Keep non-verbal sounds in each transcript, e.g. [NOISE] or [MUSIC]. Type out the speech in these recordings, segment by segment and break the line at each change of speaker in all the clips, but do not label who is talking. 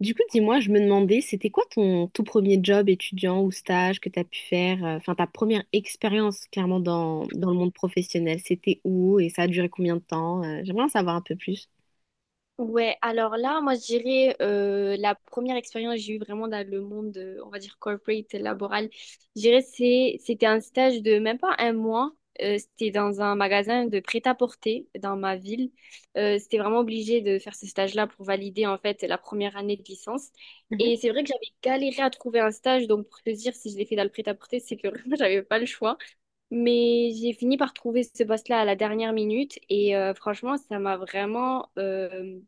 Du coup, dis-moi, je me demandais, c'était quoi ton tout premier job étudiant ou stage que tu as pu faire, enfin ta première expérience clairement dans, le monde professionnel, c'était où et ça a duré combien de temps? J'aimerais en savoir un peu plus.
Ouais, alors là, moi, je dirais la première expérience que j'ai eue vraiment dans le monde, on va dire corporate, laboral, je dirais c'était un stage de même pas un mois. C'était dans un magasin de prêt-à-porter dans ma ville. C'était vraiment obligé de faire ce stage-là pour valider en fait la première année de licence.
Mhm.
Et c'est vrai que j'avais galéré à trouver un stage, donc pour te dire si je l'ai fait dans le prêt-à-porter, c'est que [LAUGHS] vraiment j'avais pas le choix. Mais j'ai fini par trouver ce poste-là à la dernière minute et franchement, ça m'a vraiment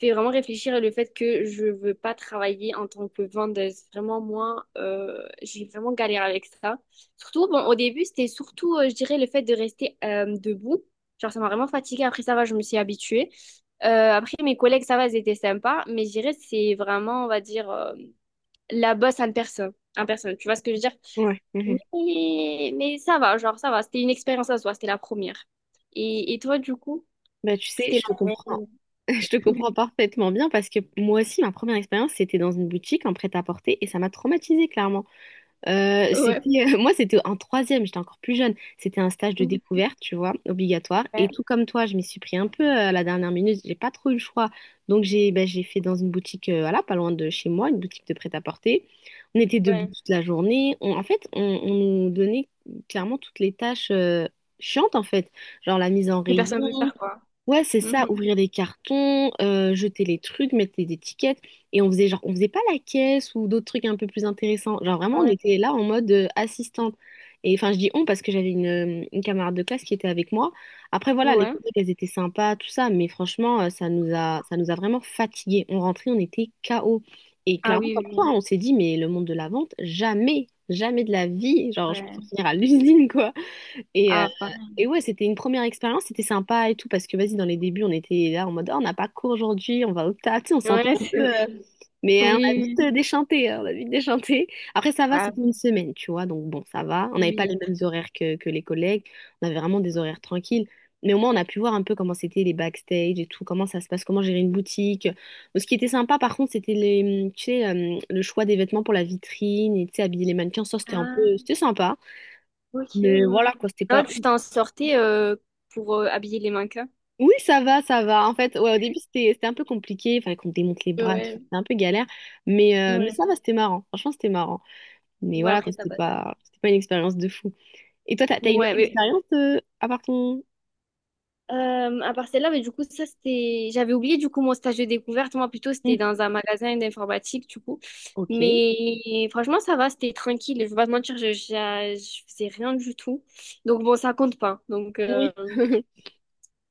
fait vraiment réfléchir le fait que je veux pas travailler en tant que vendeuse. Vraiment, moi, j'ai vraiment galéré avec ça. Surtout, bon, au début, c'était surtout, je dirais, le fait de rester debout. Genre, ça m'a vraiment fatiguée. Après, ça va, je me suis habituée. Après, mes collègues, ça va, ils étaient sympas. Mais je dirais, c'est vraiment, on va dire, la bosse en personne. En personne, tu vois ce que je veux dire?
Ouais. Mhm.
Mais ça va, genre, ça va. C'était une expérience à soi, c'était la première. Et toi, du coup,
Bah, tu sais,
c'était
je te
la
comprends.
première.
[LAUGHS] Je te comprends parfaitement bien parce que moi aussi, ma première expérience, c'était dans une boutique en prêt-à-porter et ça m'a traumatisée clairement.
Ouais.
C'était, [LAUGHS] moi, c'était en troisième, j'étais encore plus jeune. C'était un stage de découverte, tu vois, obligatoire.
Ouais.
Et tout comme toi, je m'y suis pris un peu à la dernière minute. J'ai pas trop eu le choix. Donc, j'ai fait dans une boutique, voilà, pas loin de chez moi, une boutique de prêt-à-porter. On était debout
Ouais.
toute la journée. On nous donnait clairement toutes les tâches chiantes, en fait. Genre la mise en
Que
rayon.
personne ne peut faire, quoi.
Ouais, c'est ça,
Mhm.
ouvrir des cartons, jeter les trucs, mettre les étiquettes. Et on faisait genre, on faisait pas la caisse ou d'autres trucs un peu plus intéressants. Genre vraiment, on
Ouais.
était là en mode assistante. Et enfin, je dis on parce que j'avais une camarade de classe qui était avec moi. Après, voilà, les
Ouais.
collègues, elles étaient sympas, tout ça. Mais franchement, ça nous a vraiment fatigués. On rentrait, on était KO. Et
Ah
clairement,
oui,
comme toi,
oui.
hein, on s'est dit, mais le monde de la vente, jamais, jamais de la vie. Genre, je
Ouais.
préfère finir à l'usine, et, euh,
Ah, pareil.
et ouais, c'était une première expérience, c'était sympa et tout, parce que vas-y, dans les débuts, on était là en mode, oh, on n'a pas cours aujourd'hui, on va au taf, tu sais, on sentait
Ouais, [LAUGHS]
un peu,
c'est vrai.
mais on a
Oui,
vite
oui.
déchanté, hein, on a vite déchanté. Après, ça va,
Ah,
c'était une semaine, tu vois, donc bon, ça va. On n'avait pas les
oui.
mêmes horaires que les collègues, on avait vraiment des horaires tranquilles. Mais au moins, on a pu voir un peu comment c'était les backstage et tout, comment ça se passe, comment gérer une boutique. Bon, ce qui était sympa, par contre, c'était les, tu sais, le choix des vêtements pour la vitrine et, tu sais, habiller les mannequins. Ça, c'était un peu,
Ah,
c'était sympa.
ok, ouais.
Mais voilà,
Ouais.
quoi, c'était pas.
Là, tu t'en sortais pour habiller les mannequins.
Oui, ça va, ça va. En fait, ouais, au début, c'était un peu compliqué. Il fallait qu'on démonte les bras, et tout. C'était
Ouais.
un peu galère. Mais
Ouais.
ça va, c'était marrant. Franchement, c'était marrant. Mais
Ouais,
voilà, quoi,
après ça passe.
c'était pas une expérience de fou. Et toi, t'as une autre
Ouais,
expérience à part ton...
À part celle-là, mais du coup, ça, c'était. J'avais oublié, du coup, mon stage de découverte. Moi, plutôt, c'était
Mhm.
dans un magasin d'informatique, du coup.
Ok.
Mais franchement, ça va, c'était tranquille. Je vais pas te mentir, je faisais rien du tout. Donc, bon, ça compte pas. Donc,
Oui.
[LAUGHS]
[LAUGHS]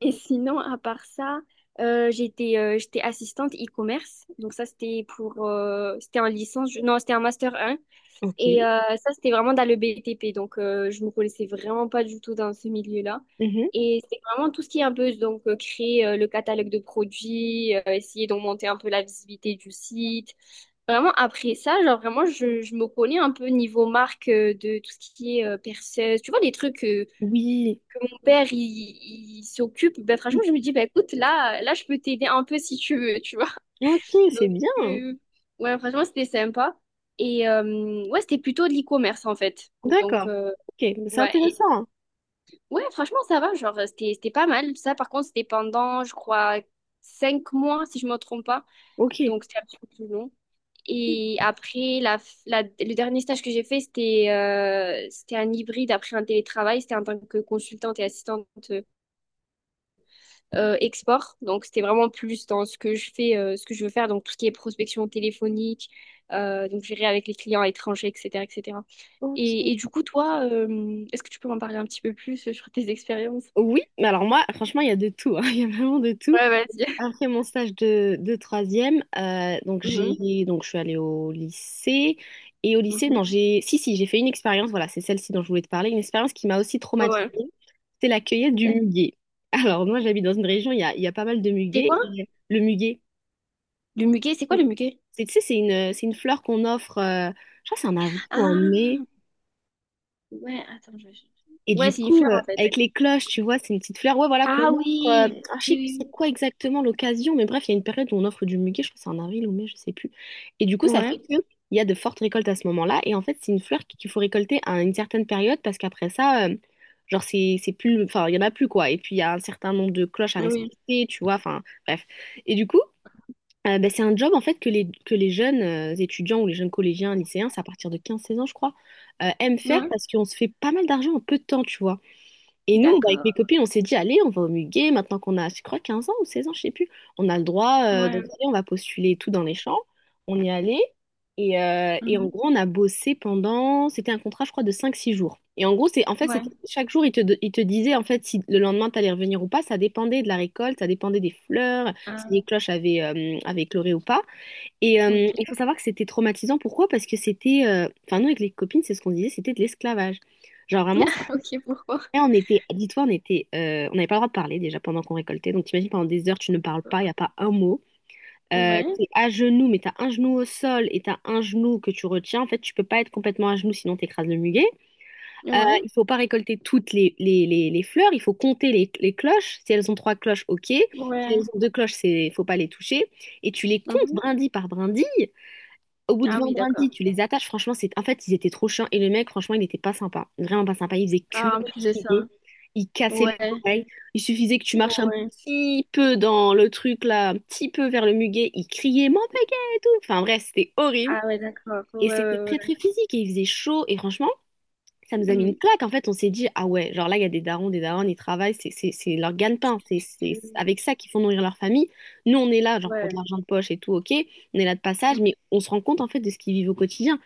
Et sinon, à part ça, j'étais assistante e-commerce. Donc, ça, c'était en licence. Non, c'était en master un. Et
Ok.
ça, c'était vraiment dans le BTP. Donc, je me connaissais vraiment pas du tout dans ce milieu-là.
Mhm.
Et c'est vraiment tout ce qui est un peu, donc, créer le catalogue de produits, essayer d'augmenter un peu la visibilité du site. Vraiment, après ça, genre, vraiment, je me connais un peu niveau marque de tout ce qui est perceuse. Tu vois, des trucs que
Oui.
mon père, il s'occupe. Ben, franchement, je me dis, ben, écoute, là, là, je peux t'aider un peu si tu veux, tu vois.
Ok, c'est
Donc,
bien.
euh, ouais, franchement, c'était sympa. Et ouais, c'était plutôt de l'e-commerce en fait. Donc,
D'accord. Ok, c'est
ouais,
intéressant.
ouais, franchement, ça va. Genre, c'était pas mal. Ça, par contre, c'était pendant, je crois, 5 mois, si je me trompe pas.
Ok.
Donc, c'était un petit peu plus long. Et après, le dernier stage que j'ai fait, c'était un hybride après un télétravail. C'était en tant que consultante et assistante export. Donc, c'était vraiment plus dans ce que je fais, ce que je veux faire, donc tout ce qui est prospection téléphonique, donc gérer avec les clients étrangers, etc., etc. Et, cetera.
Ok.
Et du coup, toi, est-ce que tu peux m'en parler un petit peu plus sur tes expériences?
Oui, mais alors moi, franchement, il y a de tout, hein. [LAUGHS] Il y a vraiment de tout.
Ouais, vas-y.
Après mon stage de troisième, donc
Mhm,
j'ai donc je suis allée au lycée. Et au lycée
mhm.
non, j'ai si si j'ai fait une expérience, voilà, c'est celle-ci dont je voulais te parler, une expérience qui m'a aussi traumatisée,
Ouais.
c'est la cueillette du
D'accord.
muguet. [LAUGHS] Alors moi j'habite dans une région il y a pas mal de
C'est
muguets,
quoi?
et le muguet,
Le muguet, c'est quoi
c'est
le muguet?
tu sais, c'est une fleur qu'on offre, je crois que c'est en avril ou en
Ah,
mai.
ouais, attends,
Et
Ouais,
du
c'est une
coup,
fleur en fait.
avec les cloches, tu vois, c'est une petite fleur, ouais, voilà, qu'on
Ah
offre.
oui,
Ah, je sais
oui,
plus
oui,
c'est quoi exactement l'occasion, mais bref, il y a une période où on offre du muguet, je crois que c'est en avril ou mai, je sais plus. Et du coup,
oui.
ça fait
Ouais,
que il y a de fortes récoltes à ce moment-là. Et en fait, c'est une fleur qu'il faut récolter à une certaine période parce qu'après ça, genre, c'est plus. Enfin, il y en a plus, quoi. Et puis, il y a un certain nombre de cloches à
oui,
respecter, tu vois, enfin, bref. Et du coup, ben, c'est un job, en fait, que que les jeunes étudiants ou les jeunes collégiens, lycéens, c'est à partir de 15 16 ans, je crois, aiment faire
ouais,
parce qu'on se fait pas mal d'argent en peu de temps, tu vois. Et nous, bah, avec mes
d'accord,
copines, on s'est dit, allez, on va au Muguet, maintenant qu'on a, je crois, 15 ans ou 16 ans, je sais plus. On a le droit,
ouais,
donc allez, on va postuler et tout dans les champs. On y allait. Et en
mhm,
gros, on a bossé pendant, c'était un contrat, je crois, de 5 6 jours. Et en gros, c'est, en fait, c'était,
ouais,
chaque jour, il te disaient, en fait, si le lendemain, t'allais revenir ou pas, ça dépendait de la récolte, ça dépendait des fleurs, si les
ah,
cloches avaient écloré ou pas. Et il
ok,
faut savoir que c'était traumatisant. Pourquoi? Parce que c'était, enfin, nous, avec les copines, c'est ce qu'on disait, c'était de l'esclavage. Genre, vraiment,
[LAUGHS] ok, pourquoi?
et on était, dis-toi, on était, on n'avait pas le droit de parler déjà pendant qu'on récoltait. Donc t'imagines, pendant des heures, tu ne parles pas, il n'y a pas un mot.
Ouais,
T'es à genoux, mais t'as un genou au sol et t'as un genou que tu retiens. En fait, tu peux pas être complètement à genoux, sinon t'écrases le muguet. Euh,
ouais,
il faut pas récolter toutes les fleurs. Il faut compter les cloches. Si elles ont trois cloches, ok. Si
ouais.
elles ont deux cloches, c'est, faut pas les toucher. Et tu les comptes
Mhm.
brindille par brindille. Au bout de
Ah oui,
vendredi,
d'accord.
tu les attaches. Franchement, c'est, en fait, ils étaient trop chiants. Et le mec, franchement, il n'était pas sympa. Vraiment pas sympa. Il faisait que
Ah, en
de
plus de ça.
crier. Il cassait les
Ouais,
oreilles. Il suffisait que tu marches un
ouais.
petit peu dans le truc là, un petit peu vers le muguet. Il criait mon muguet et tout. Enfin bref, c'était horrible.
Ah ouais, d'accord. Ouais,
Et c'était
ouais,
très
ouais.
très physique. Et il faisait chaud. Et franchement, ça nous a mis une
Mm,
claque. En fait, on s'est dit, ah ouais, genre là, il y a des darons, ils travaillent, c'est leur gagne-pain, c'est
je-
avec ça qu'ils font nourrir leur famille. Nous, on est là, genre pour de
Ouais,
l'argent de poche et tout, ok, on est là de
mm,
passage, mais on se rend compte en fait de ce qu'ils vivent au quotidien.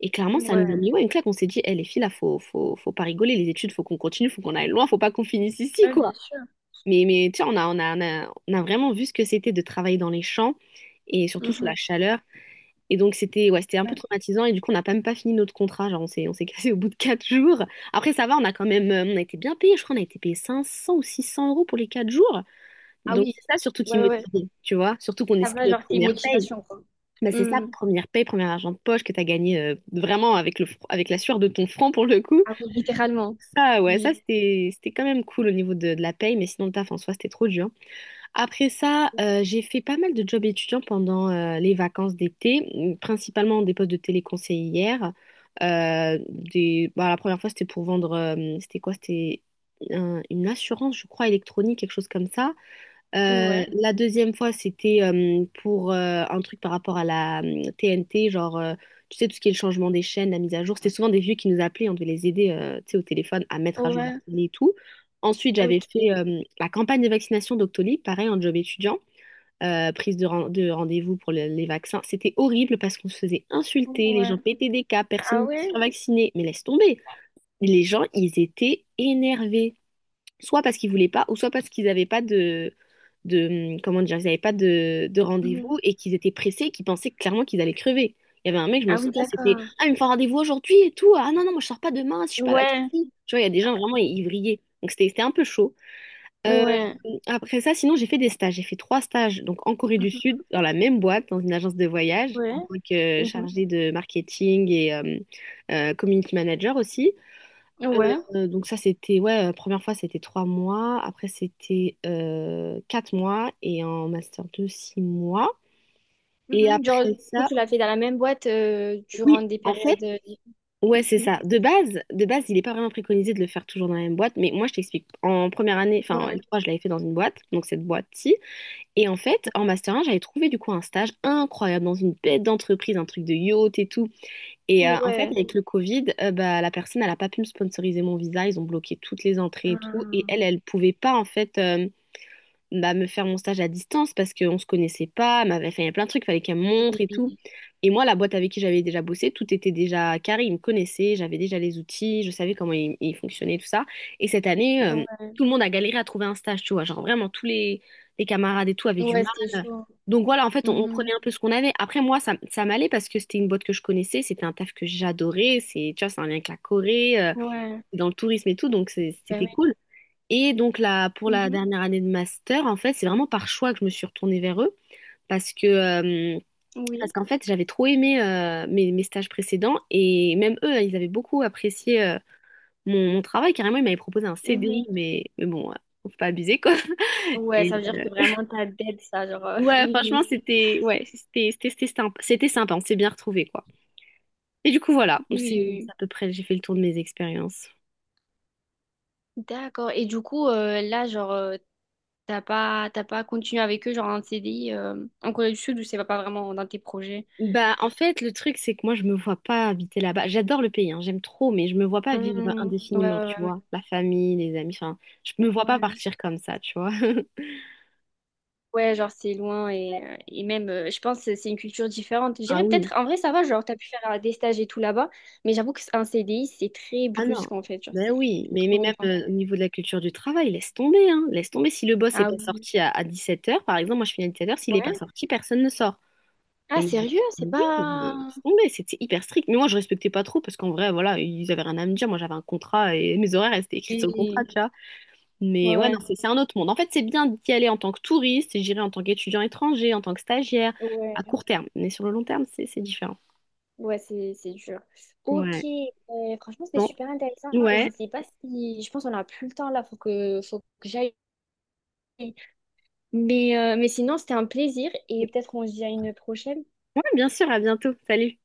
Et clairement, ça nous a
ouais.
mis, ouais, une claque. On s'est dit, eh, les filles, là, faut, faut, faut pas rigoler, les études, faut qu'on continue, faut qu'on aille loin, faut pas qu'on finisse ici,
Ouais,
quoi.
bien sûr.
Mais tu sais, on a vraiment vu ce que c'était de travailler dans les champs et surtout sous la
Mhm,
chaleur. Et donc c'était, ouais, c'était un peu
ouais.
traumatisant et du coup on n'a même pas fini notre contrat, genre on s'est cassé au bout de 4 jours. Après ça va, on a quand même on a été bien payé, je crois on a été payé 500 ou 600 euros pour les 4 jours.
Ah
Donc
oui,
c'est ça surtout qui
ouais, ouais. Ouais.
motivait, tu vois, surtout qu'on
Ça
espère
va,
notre
genre, c'est une
première paye.
motivation, quoi.
Bah c'est ça,
Mm.
première paye, premier argent de poche que t'as gagné, vraiment avec avec la sueur de ton front pour le coup.
Ah oui, littéralement.
Ça ouais, ça
Oui.
c'était c'était quand même cool au niveau de la paye, mais sinon le taf en soi c'était trop dur. Après ça, j'ai fait pas mal de jobs étudiants pendant les vacances d'été, principalement des postes de téléconseillère. Des... bah, la première fois, c'était pour vendre, c'était quoi? C'était une assurance, je crois, électronique, quelque chose comme ça.
Ouais,
La deuxième fois, c'était pour un truc par rapport à la TNT, genre, tu sais, tout ce qui est le changement des chaînes, la mise à jour. C'était souvent des vieux qui nous appelaient, on devait les aider, tu sais, au téléphone à mettre à jour leur
ouais,
télé et tout. Ensuite, j'avais
ok.
fait la campagne de vaccination d'Octolib, pareil, en job étudiant, prise de, de rendez-vous pour les vaccins. C'était horrible parce qu'on se faisait insulter, les
Ouais.
gens pétaient des cas, personne
Ah
ne voulait se
ouais?
faire vacciner. Mais laisse tomber, les gens, ils étaient énervés soit parce qu'ils voulaient pas, ou soit parce qu'ils n'avaient pas comment dire, ils n'avaient pas de
Mhm.
rendez-vous et qu'ils étaient pressés, qu'ils pensaient clairement qu'ils allaient crever. Il y avait un mec, je m'en
Ah oui,
souviens, c'était
d'accord.
Ah, il me faut un rendez-vous aujourd'hui et tout. Ah non, non, moi je sors pas demain si je suis pas
Ouais,
vaccinée. Tu vois, il y a des gens vraiment, ils vrillaient. Donc c'était un peu chaud. Euh,
ouais.
après ça, sinon, j'ai fait des stages. J'ai fait trois stages, donc en Corée du
Mhm.
Sud, dans la même boîte, dans une agence de voyage, en
Ouais.
tant que
Mhm,
chargée de marketing et community manager aussi.
Ouais.
Donc ça, c'était, ouais, première fois, c'était 3 mois. Après, c'était 4 mois. Et en master 2, 6 mois. Et
Mhm. Genre,
après
du coup,
ça,
tu l'as fait dans la même boîte durant
oui,
des
en fait,
périodes.
ouais, c'est
Mhm.
ça. De base, il n'est pas vraiment préconisé de le faire toujours dans la même boîte. Mais moi, je t'explique. En première année, enfin, en
Ouais.
L3, je l'avais fait dans une boîte, donc cette boîte-ci. Et en fait, en master 1 j'avais trouvé du coup un stage incroyable dans une bête d'entreprise, un truc de yacht et tout. Et en fait,
Ouais.
avec le Covid, bah, la personne, elle n'a pas pu me sponsoriser mon visa. Ils ont bloqué toutes les entrées et tout. Et elle,
Ah,
elle pouvait pas, en fait, bah, me faire mon stage à distance parce qu'on se connaissait pas, elle m'avait fait il y a plein de trucs, fallait qu'elle me montre et tout.
oui.
Et moi, la boîte avec qui j'avais déjà bossé, tout était déjà carré, ils me connaissaient, j'avais déjà les outils, je savais comment ils fonctionnaient, tout ça. Et cette année,
Ouais,
tout le monde a galéré à trouver un stage, tu vois, genre vraiment tous les camarades et tout avaient du
ouais, c'était
mal.
chaud.
Donc voilà, en fait, on
Mhm.
prenait un peu ce qu'on avait. Après, moi, ça m'allait parce que c'était une boîte que je connaissais, c'était un taf que j'adorais, c'est, tu vois, c'est un lien avec la Corée,
Ouais.
dans le tourisme et tout, donc c'est-
Ben
c'était
oui.
cool. Et donc là, pour la
Mhm.
dernière année de master, en fait, c'est vraiment par choix que je me suis retournée vers eux parce que euh, parce
Oui.
qu'en fait, j'avais trop aimé mes stages précédents et même eux, ils avaient beaucoup apprécié mon travail. Carrément, ils m'avaient proposé un
Mhm.
CDI, mais bon, faut pas abuser quoi. [LAUGHS]
Ouais,
Et
ça veut dire que vraiment t'as dead ça, genre. [LAUGHS]
ouais,
Oui,
franchement,
oui,
c'était ouais, c'était sympa, c'était sympa, on s'est bien retrouvés quoi. Et du coup, voilà, c'est
oui.
c'est
Oui.
à peu près, j'ai fait le tour de mes expériences.
Oui. D'accord. Et du coup, là, genre, t'as pas continué avec eux, genre en CDI, en Corée du Sud, ou c'est pas vraiment dans tes projets?
Bah, en fait, le truc, c'est que moi, je me vois pas habiter là-bas. J'adore le pays, hein, j'aime trop, mais je me vois pas vivre
Mhm. Ouais,
indéfiniment, tu
ouais,
vois. La famille, les amis, enfin, je me
ouais.
vois pas
Ouais.
partir comme ça, tu vois. [LAUGHS]
Ouais, genre c'est loin et même, je pense que c'est une culture différente. Je
Ah
dirais
oui.
peut-être, en vrai, ça va, genre, t'as pu faire des stages et tout là-bas, mais j'avoue que qu'un CDI, c'est très
Ah non.
brusque en fait, genre,
Ben
c'est
oui,
beaucoup
mais,
trop
mais même
longtemps.
au niveau de la culture du travail, laisse tomber, hein. Laisse tomber. Si le boss est
Ah
pas
oui,
sorti à 17h, par exemple, moi, je finis à 17h, s'il est pas
ouais.
sorti, personne ne sort.
Ah,
Mais moi,
sérieux? C'est
oui, mais
pas.
laisse tomber, c'était hyper strict. Mais moi, je respectais pas trop parce qu'en vrai, voilà, ils avaient rien à me dire. Moi, j'avais un contrat et mes horaires elles étaient écrits sur le contrat,
Oui.
tu vois. Mais
Ouais,
ouais, non,
ouais.
c'est un autre monde. En fait, c'est bien d'y aller en tant que touriste, et j'irai en tant qu'étudiant étranger, en tant que stagiaire, à
Ouais,
court terme. Mais sur le long terme, c'est différent.
ouais, c'est dur. Ok,
Ouais.
franchement, c'était
Bon,
super intéressant. Je
ouais.
sais pas si. Je pense qu'on a plus le temps là, faut que j'aille. Mais sinon, c'était un plaisir et peut-être on se dit à une prochaine.
Ouais, bien sûr, à bientôt. Salut.